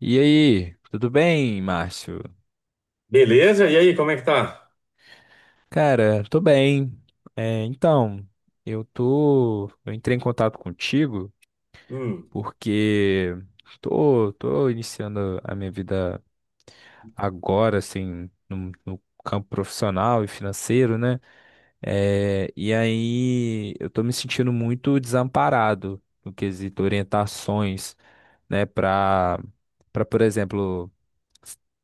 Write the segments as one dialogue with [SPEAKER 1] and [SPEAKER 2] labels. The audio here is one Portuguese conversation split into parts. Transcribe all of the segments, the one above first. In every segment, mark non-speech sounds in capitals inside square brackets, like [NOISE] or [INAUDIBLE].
[SPEAKER 1] E aí, tudo bem, Márcio?
[SPEAKER 2] Beleza? E aí, como é que tá?
[SPEAKER 1] Cara, tô bem. É, então, eu entrei em contato contigo
[SPEAKER 2] Hum.
[SPEAKER 1] porque tô iniciando a minha vida agora, assim, no campo profissional e financeiro, né? E aí eu tô me sentindo muito desamparado no quesito orientações, né, para, por exemplo,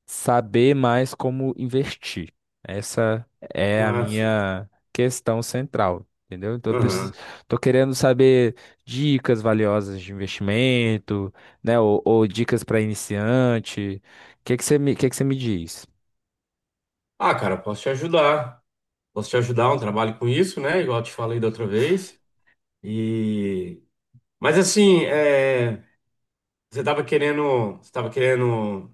[SPEAKER 1] saber mais como investir. Essa é a
[SPEAKER 2] Ah, sim.
[SPEAKER 1] minha questão central, entendeu? Então, eu preciso,
[SPEAKER 2] Aham.
[SPEAKER 1] tô querendo saber dicas valiosas de investimento, né? Ou dicas para iniciante. O que que você me diz?
[SPEAKER 2] Ah, cara, posso te ajudar. Posso te ajudar, um trabalho com isso, né? Igual eu te falei da outra vez. E... mas assim, é, você tava querendo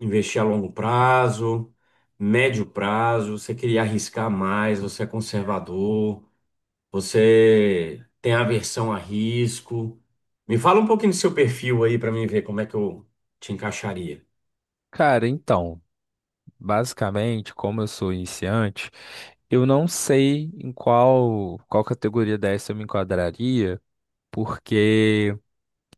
[SPEAKER 2] investir a longo prazo, médio prazo, você queria arriscar mais, você é conservador, você tem aversão a risco. Me fala um pouquinho do seu perfil aí para mim ver como é que eu te encaixaria.
[SPEAKER 1] Cara, então, basicamente, como eu sou iniciante, eu não sei em qual categoria dessa eu me enquadraria, porque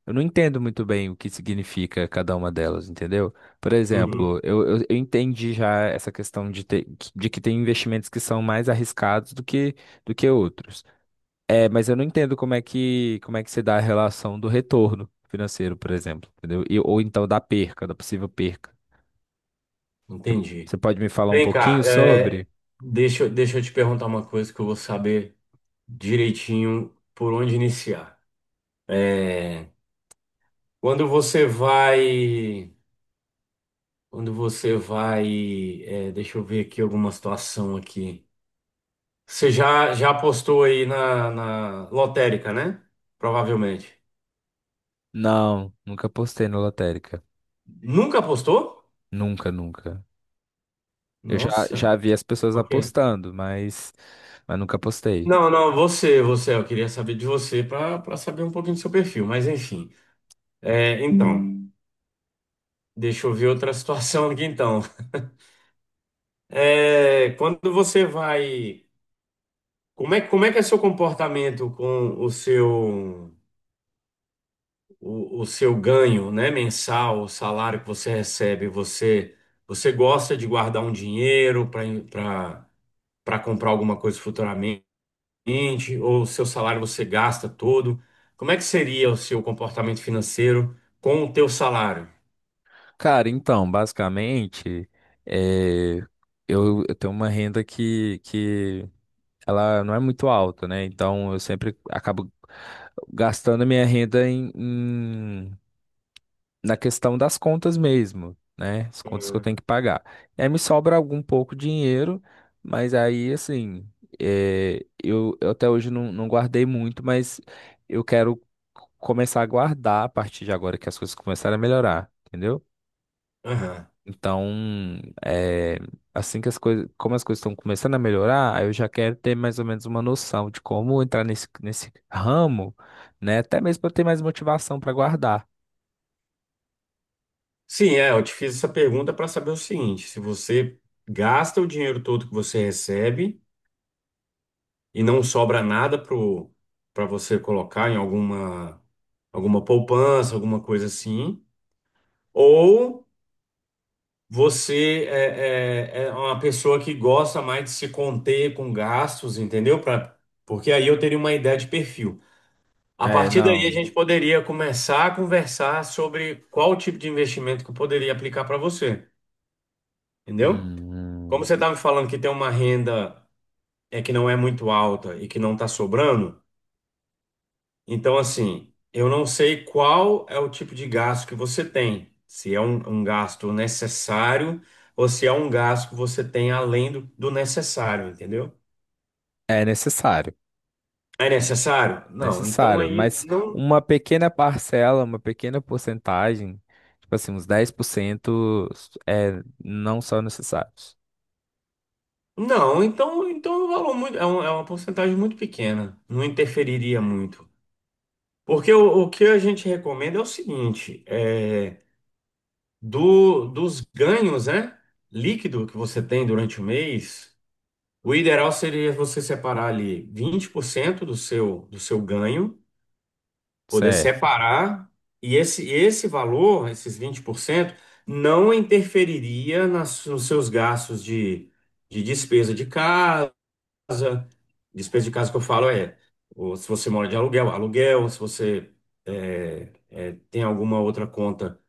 [SPEAKER 1] eu não entendo muito bem o que significa cada uma delas, entendeu? Por
[SPEAKER 2] Uhum,
[SPEAKER 1] exemplo, eu entendi já essa questão de ter, de que tem investimentos que são mais arriscados do que outros. É, mas eu não entendo como é que se dá a relação do retorno financeiro, por exemplo, entendeu? E, ou então da perca, da possível perca. Você
[SPEAKER 2] entendi.
[SPEAKER 1] Você pode me falar um
[SPEAKER 2] Vem
[SPEAKER 1] pouquinho
[SPEAKER 2] cá, é,
[SPEAKER 1] sobre?
[SPEAKER 2] deixa eu te perguntar uma coisa que eu vou saber direitinho por onde iniciar. É, quando você vai, quando você vai, é, deixa eu ver aqui alguma situação aqui. Você já apostou aí na, na lotérica, né? Provavelmente.
[SPEAKER 1] Não, nunca apostei na lotérica.
[SPEAKER 2] Nunca apostou?
[SPEAKER 1] Nunca, nunca.
[SPEAKER 2] Nossa,
[SPEAKER 1] Já vi as pessoas
[SPEAKER 2] ok.
[SPEAKER 1] apostando, mas nunca apostei.
[SPEAKER 2] Não, não, você, eu queria saber de você para saber um pouquinho do seu perfil, mas enfim. É, então. Deixa eu ver outra [LAUGHS] situação aqui então. É, quando você vai. Como é que é seu comportamento com o seu, o seu ganho, né, mensal, o salário que você recebe? Você, você gosta de guardar um dinheiro para comprar alguma coisa futuramente? Ou o seu salário você gasta todo? Como é que seria o seu comportamento financeiro com o teu salário?
[SPEAKER 1] Cara, então, basicamente, eh, eu tenho uma renda que ela não é muito alta, né? Então, eu sempre acabo gastando a minha renda na questão das contas mesmo, né? As contas que eu tenho que pagar. E aí me sobra algum pouco dinheiro, mas aí, assim, eu até hoje não guardei muito, mas eu quero começar a guardar a partir de agora que as coisas começarem a melhorar, entendeu?
[SPEAKER 2] Aham.
[SPEAKER 1] Então, é, assim que as coisas, como as coisas estão começando a melhorar, aí eu já quero ter mais ou menos uma noção de como entrar nesse ramo, né? Até mesmo para ter mais motivação para guardar.
[SPEAKER 2] Sim, é, eu te fiz essa pergunta para saber o seguinte: se você gasta o dinheiro todo que você recebe e não sobra nada pro para você colocar em alguma alguma poupança, alguma coisa assim, ou você é, é uma pessoa que gosta mais de se conter com gastos, entendeu? Porque aí eu teria uma ideia de perfil. A
[SPEAKER 1] É,
[SPEAKER 2] partir daí a
[SPEAKER 1] não.
[SPEAKER 2] gente poderia começar a conversar sobre qual tipo de investimento que eu poderia aplicar para você, entendeu? Como
[SPEAKER 1] Hum,
[SPEAKER 2] você está me falando que tem uma renda que não é muito alta e que não está sobrando, então assim, eu não sei qual é o tipo de gasto que você tem, se é um gasto necessário ou se é um gasto que você tem além do necessário, entendeu?
[SPEAKER 1] é necessário,
[SPEAKER 2] É necessário? Não, então
[SPEAKER 1] necessário,
[SPEAKER 2] aí
[SPEAKER 1] mas
[SPEAKER 2] não,
[SPEAKER 1] uma pequena parcela, uma pequena porcentagem, tipo assim, uns 10%, é, não são necessários.
[SPEAKER 2] então é um valor muito, é uma porcentagem muito pequena, não interferiria muito. Porque o que a gente recomenda é o seguinte, é, dos ganhos, né? Líquido que você tem durante o mês, o ideal seria você separar ali 20% do seu ganho, poder
[SPEAKER 1] Certo.
[SPEAKER 2] separar, e esse valor, esses 20%, não interferiria nas, nos seus gastos de despesa de casa. Despesa de casa que eu falo é, ou se você mora de aluguel, aluguel, se você é, tem alguma outra conta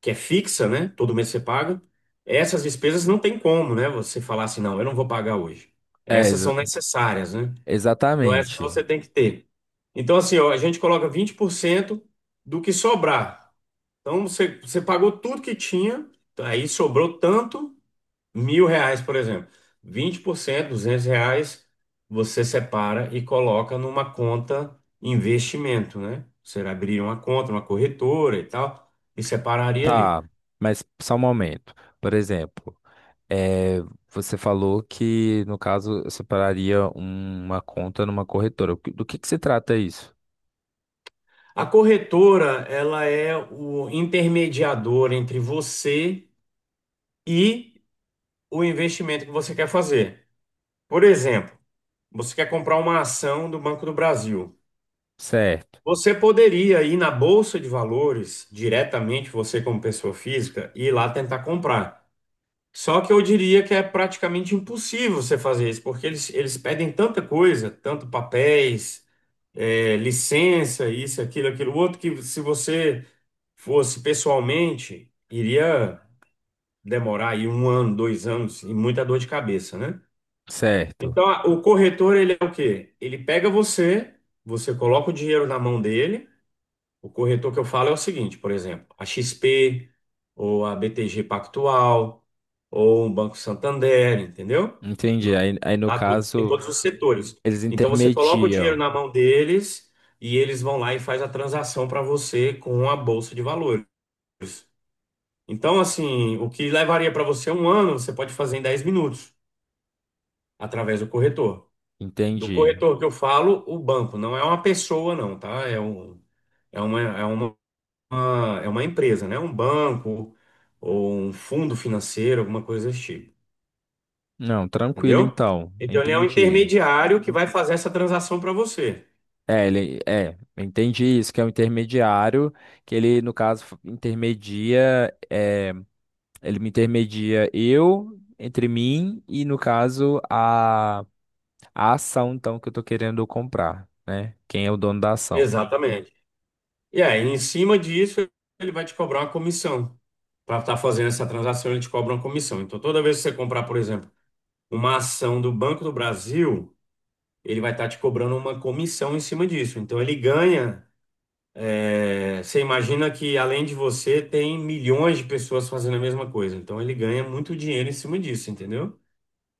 [SPEAKER 2] que é fixa, né? Todo mês você paga. Essas despesas não tem como, né? Você falar assim, não, eu não vou pagar hoje.
[SPEAKER 1] É,
[SPEAKER 2] Essas
[SPEAKER 1] exa-
[SPEAKER 2] são necessárias, né? Então essas
[SPEAKER 1] exatamente.
[SPEAKER 2] você tem que ter. Então assim, ó, a gente coloca 20% do que sobrar. Então você pagou tudo que tinha, aí sobrou tanto, mil reais, por exemplo. Vinte por cento, 200 reais, você separa e coloca numa conta investimento, né? Você abriria uma conta, uma corretora e tal, e separaria ali.
[SPEAKER 1] Tá, mas só um momento. Por exemplo. É, você falou que, no caso, eu separaria uma conta numa corretora. Do que se trata isso?
[SPEAKER 2] A corretora, ela é o intermediador entre você e o investimento que você quer fazer. Por exemplo, você quer comprar uma ação do Banco do Brasil.
[SPEAKER 1] Certo,
[SPEAKER 2] Você poderia ir na Bolsa de Valores diretamente, você como pessoa física, e ir lá tentar comprar. Só que eu diria que é praticamente impossível você fazer isso, porque eles pedem tanta coisa, tanto papéis, licença, isso, aquilo, aquilo outro, que se você fosse pessoalmente, iria demorar aí um ano, dois anos e muita dor de cabeça, né?
[SPEAKER 1] certo.
[SPEAKER 2] Então, o corretor, ele é o quê? Ele pega você, você coloca o dinheiro na mão dele. O corretor que eu falo é o seguinte, por exemplo, a XP, ou a BTG Pactual, ou um Banco Santander, entendeu?
[SPEAKER 1] Entendi. Aí, no
[SPEAKER 2] Lá tudo tem
[SPEAKER 1] caso,
[SPEAKER 2] todos os setores.
[SPEAKER 1] eles
[SPEAKER 2] Então, você coloca o dinheiro
[SPEAKER 1] intermediam.
[SPEAKER 2] na mão deles e eles vão lá e faz a transação para você com a bolsa de valores. Então, assim, o que levaria para você um ano, você pode fazer em 10 minutos, através do corretor. Do
[SPEAKER 1] Entendi.
[SPEAKER 2] corretor que eu falo, o banco, não é uma pessoa, não, tá? É um, é uma, é uma empresa, né? Um banco ou um fundo financeiro, alguma coisa desse tipo,
[SPEAKER 1] Não, tranquilo
[SPEAKER 2] entendeu?
[SPEAKER 1] então.
[SPEAKER 2] Então, ele é um
[SPEAKER 1] Entendi.
[SPEAKER 2] intermediário que vai fazer essa transação para você.
[SPEAKER 1] Entendi isso, que é um intermediário, que ele, no caso, intermedia, é, ele me intermedia eu entre mim e, no caso, a ação, então, que eu tô querendo comprar, né? Quem é o dono da ação?
[SPEAKER 2] Exatamente. E aí, em cima disso, ele vai te cobrar uma comissão. Para estar fazendo essa transação, ele te cobra uma comissão. Então, toda vez que você comprar, por exemplo, uma ação do Banco do Brasil, ele vai estar te cobrando uma comissão em cima disso. Então ele ganha. É, você imagina que além de você, tem milhões de pessoas fazendo a mesma coisa. Então ele ganha muito dinheiro em cima disso, entendeu?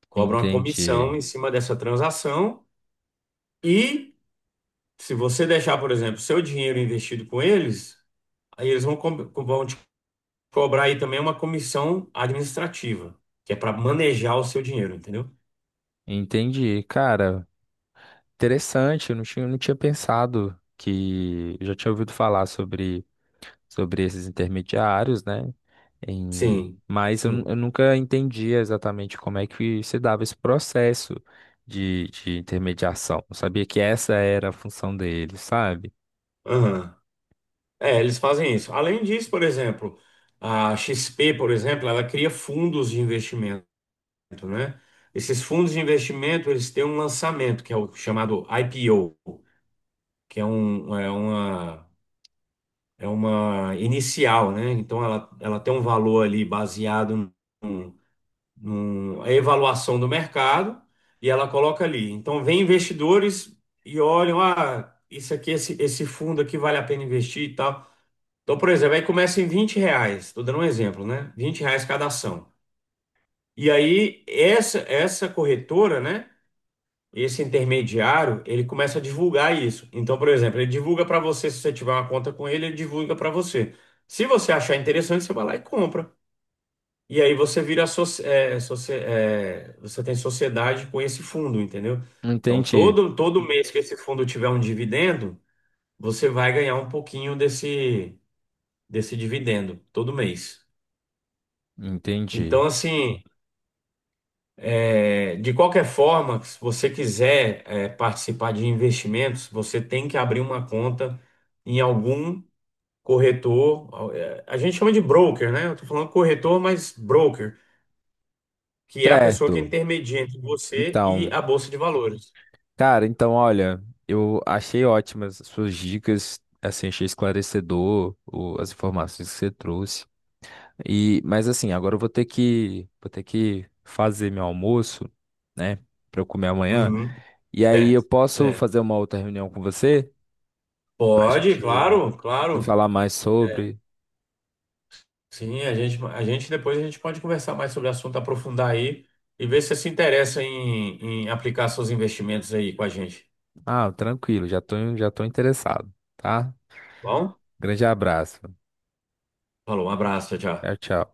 [SPEAKER 2] Cobra uma comissão
[SPEAKER 1] Entendi.
[SPEAKER 2] em cima dessa transação. E se você deixar, por exemplo, seu dinheiro investido com eles, aí vão te cobrar aí também uma comissão administrativa, que é para manejar o seu dinheiro, entendeu?
[SPEAKER 1] Entendi. Cara, interessante. Eu não tinha, não tinha pensado que. Eu já tinha ouvido falar sobre esses intermediários, né? Em-
[SPEAKER 2] Sim,
[SPEAKER 1] Mas eu, nu-
[SPEAKER 2] sim.
[SPEAKER 1] eu nunca entendia exatamente como é que se dava esse processo de intermediação. Eu sabia que essa era a função deles, sabe?
[SPEAKER 2] Aham. É, eles fazem isso. Além disso, por exemplo, a XP, por exemplo, ela cria fundos de investimento, né? Esses fundos de investimento, eles têm um lançamento, que é o chamado IPO, que é, é uma inicial, né? Então, ela tem um valor ali baseado num, a avaliação do mercado e ela coloca ali. Então, vem investidores e olham, ah, isso aqui, esse fundo aqui vale a pena investir e tal. Então, por exemplo, aí começa em 20 reais, estou dando um exemplo, né? 20 reais cada ação. E aí, essa corretora, né? Esse intermediário, ele começa a divulgar isso. Então, por exemplo, ele divulga para você, se você tiver uma conta com ele, ele divulga para você. Se você achar interessante, você vai lá e compra. E aí você vira, soci- é, você tem sociedade com esse fundo, entendeu? Então,
[SPEAKER 1] Entendi.
[SPEAKER 2] todo mês que esse fundo tiver um dividendo, você vai ganhar um pouquinho desse dividendo, todo mês.
[SPEAKER 1] Entendi.
[SPEAKER 2] Então, assim, é, de qualquer forma, se você quiser, é, participar de investimentos, você tem que abrir uma conta em algum corretor. É, a gente chama de broker, né? Eu tô falando corretor, mas broker, que é a pessoa que
[SPEAKER 1] Certo.
[SPEAKER 2] intermedia entre você e
[SPEAKER 1] Então.
[SPEAKER 2] a Bolsa de Valores.
[SPEAKER 1] Cara, então, olha, eu achei ótimas as suas dicas, assim, achei esclarecedor as informações que você trouxe. E, mas assim, agora eu vou ter que fazer meu almoço, né, pra eu comer amanhã.
[SPEAKER 2] Uhum,
[SPEAKER 1] E aí eu
[SPEAKER 2] certo,
[SPEAKER 1] posso
[SPEAKER 2] certo.
[SPEAKER 1] fazer uma outra reunião com você pra
[SPEAKER 2] Pode,
[SPEAKER 1] gente
[SPEAKER 2] claro, claro.
[SPEAKER 1] falar mais
[SPEAKER 2] É,
[SPEAKER 1] sobre.
[SPEAKER 2] sim, a gente depois a gente pode conversar mais sobre o assunto, aprofundar aí e ver se você se interessa em, em aplicar seus investimentos aí com a gente.
[SPEAKER 1] Ah, tranquilo, já tô interessado, tá?
[SPEAKER 2] Bom?
[SPEAKER 1] Grande abraço.
[SPEAKER 2] Falou, um abraço, tchau,
[SPEAKER 1] Tchau,
[SPEAKER 2] tchau.
[SPEAKER 1] tchau.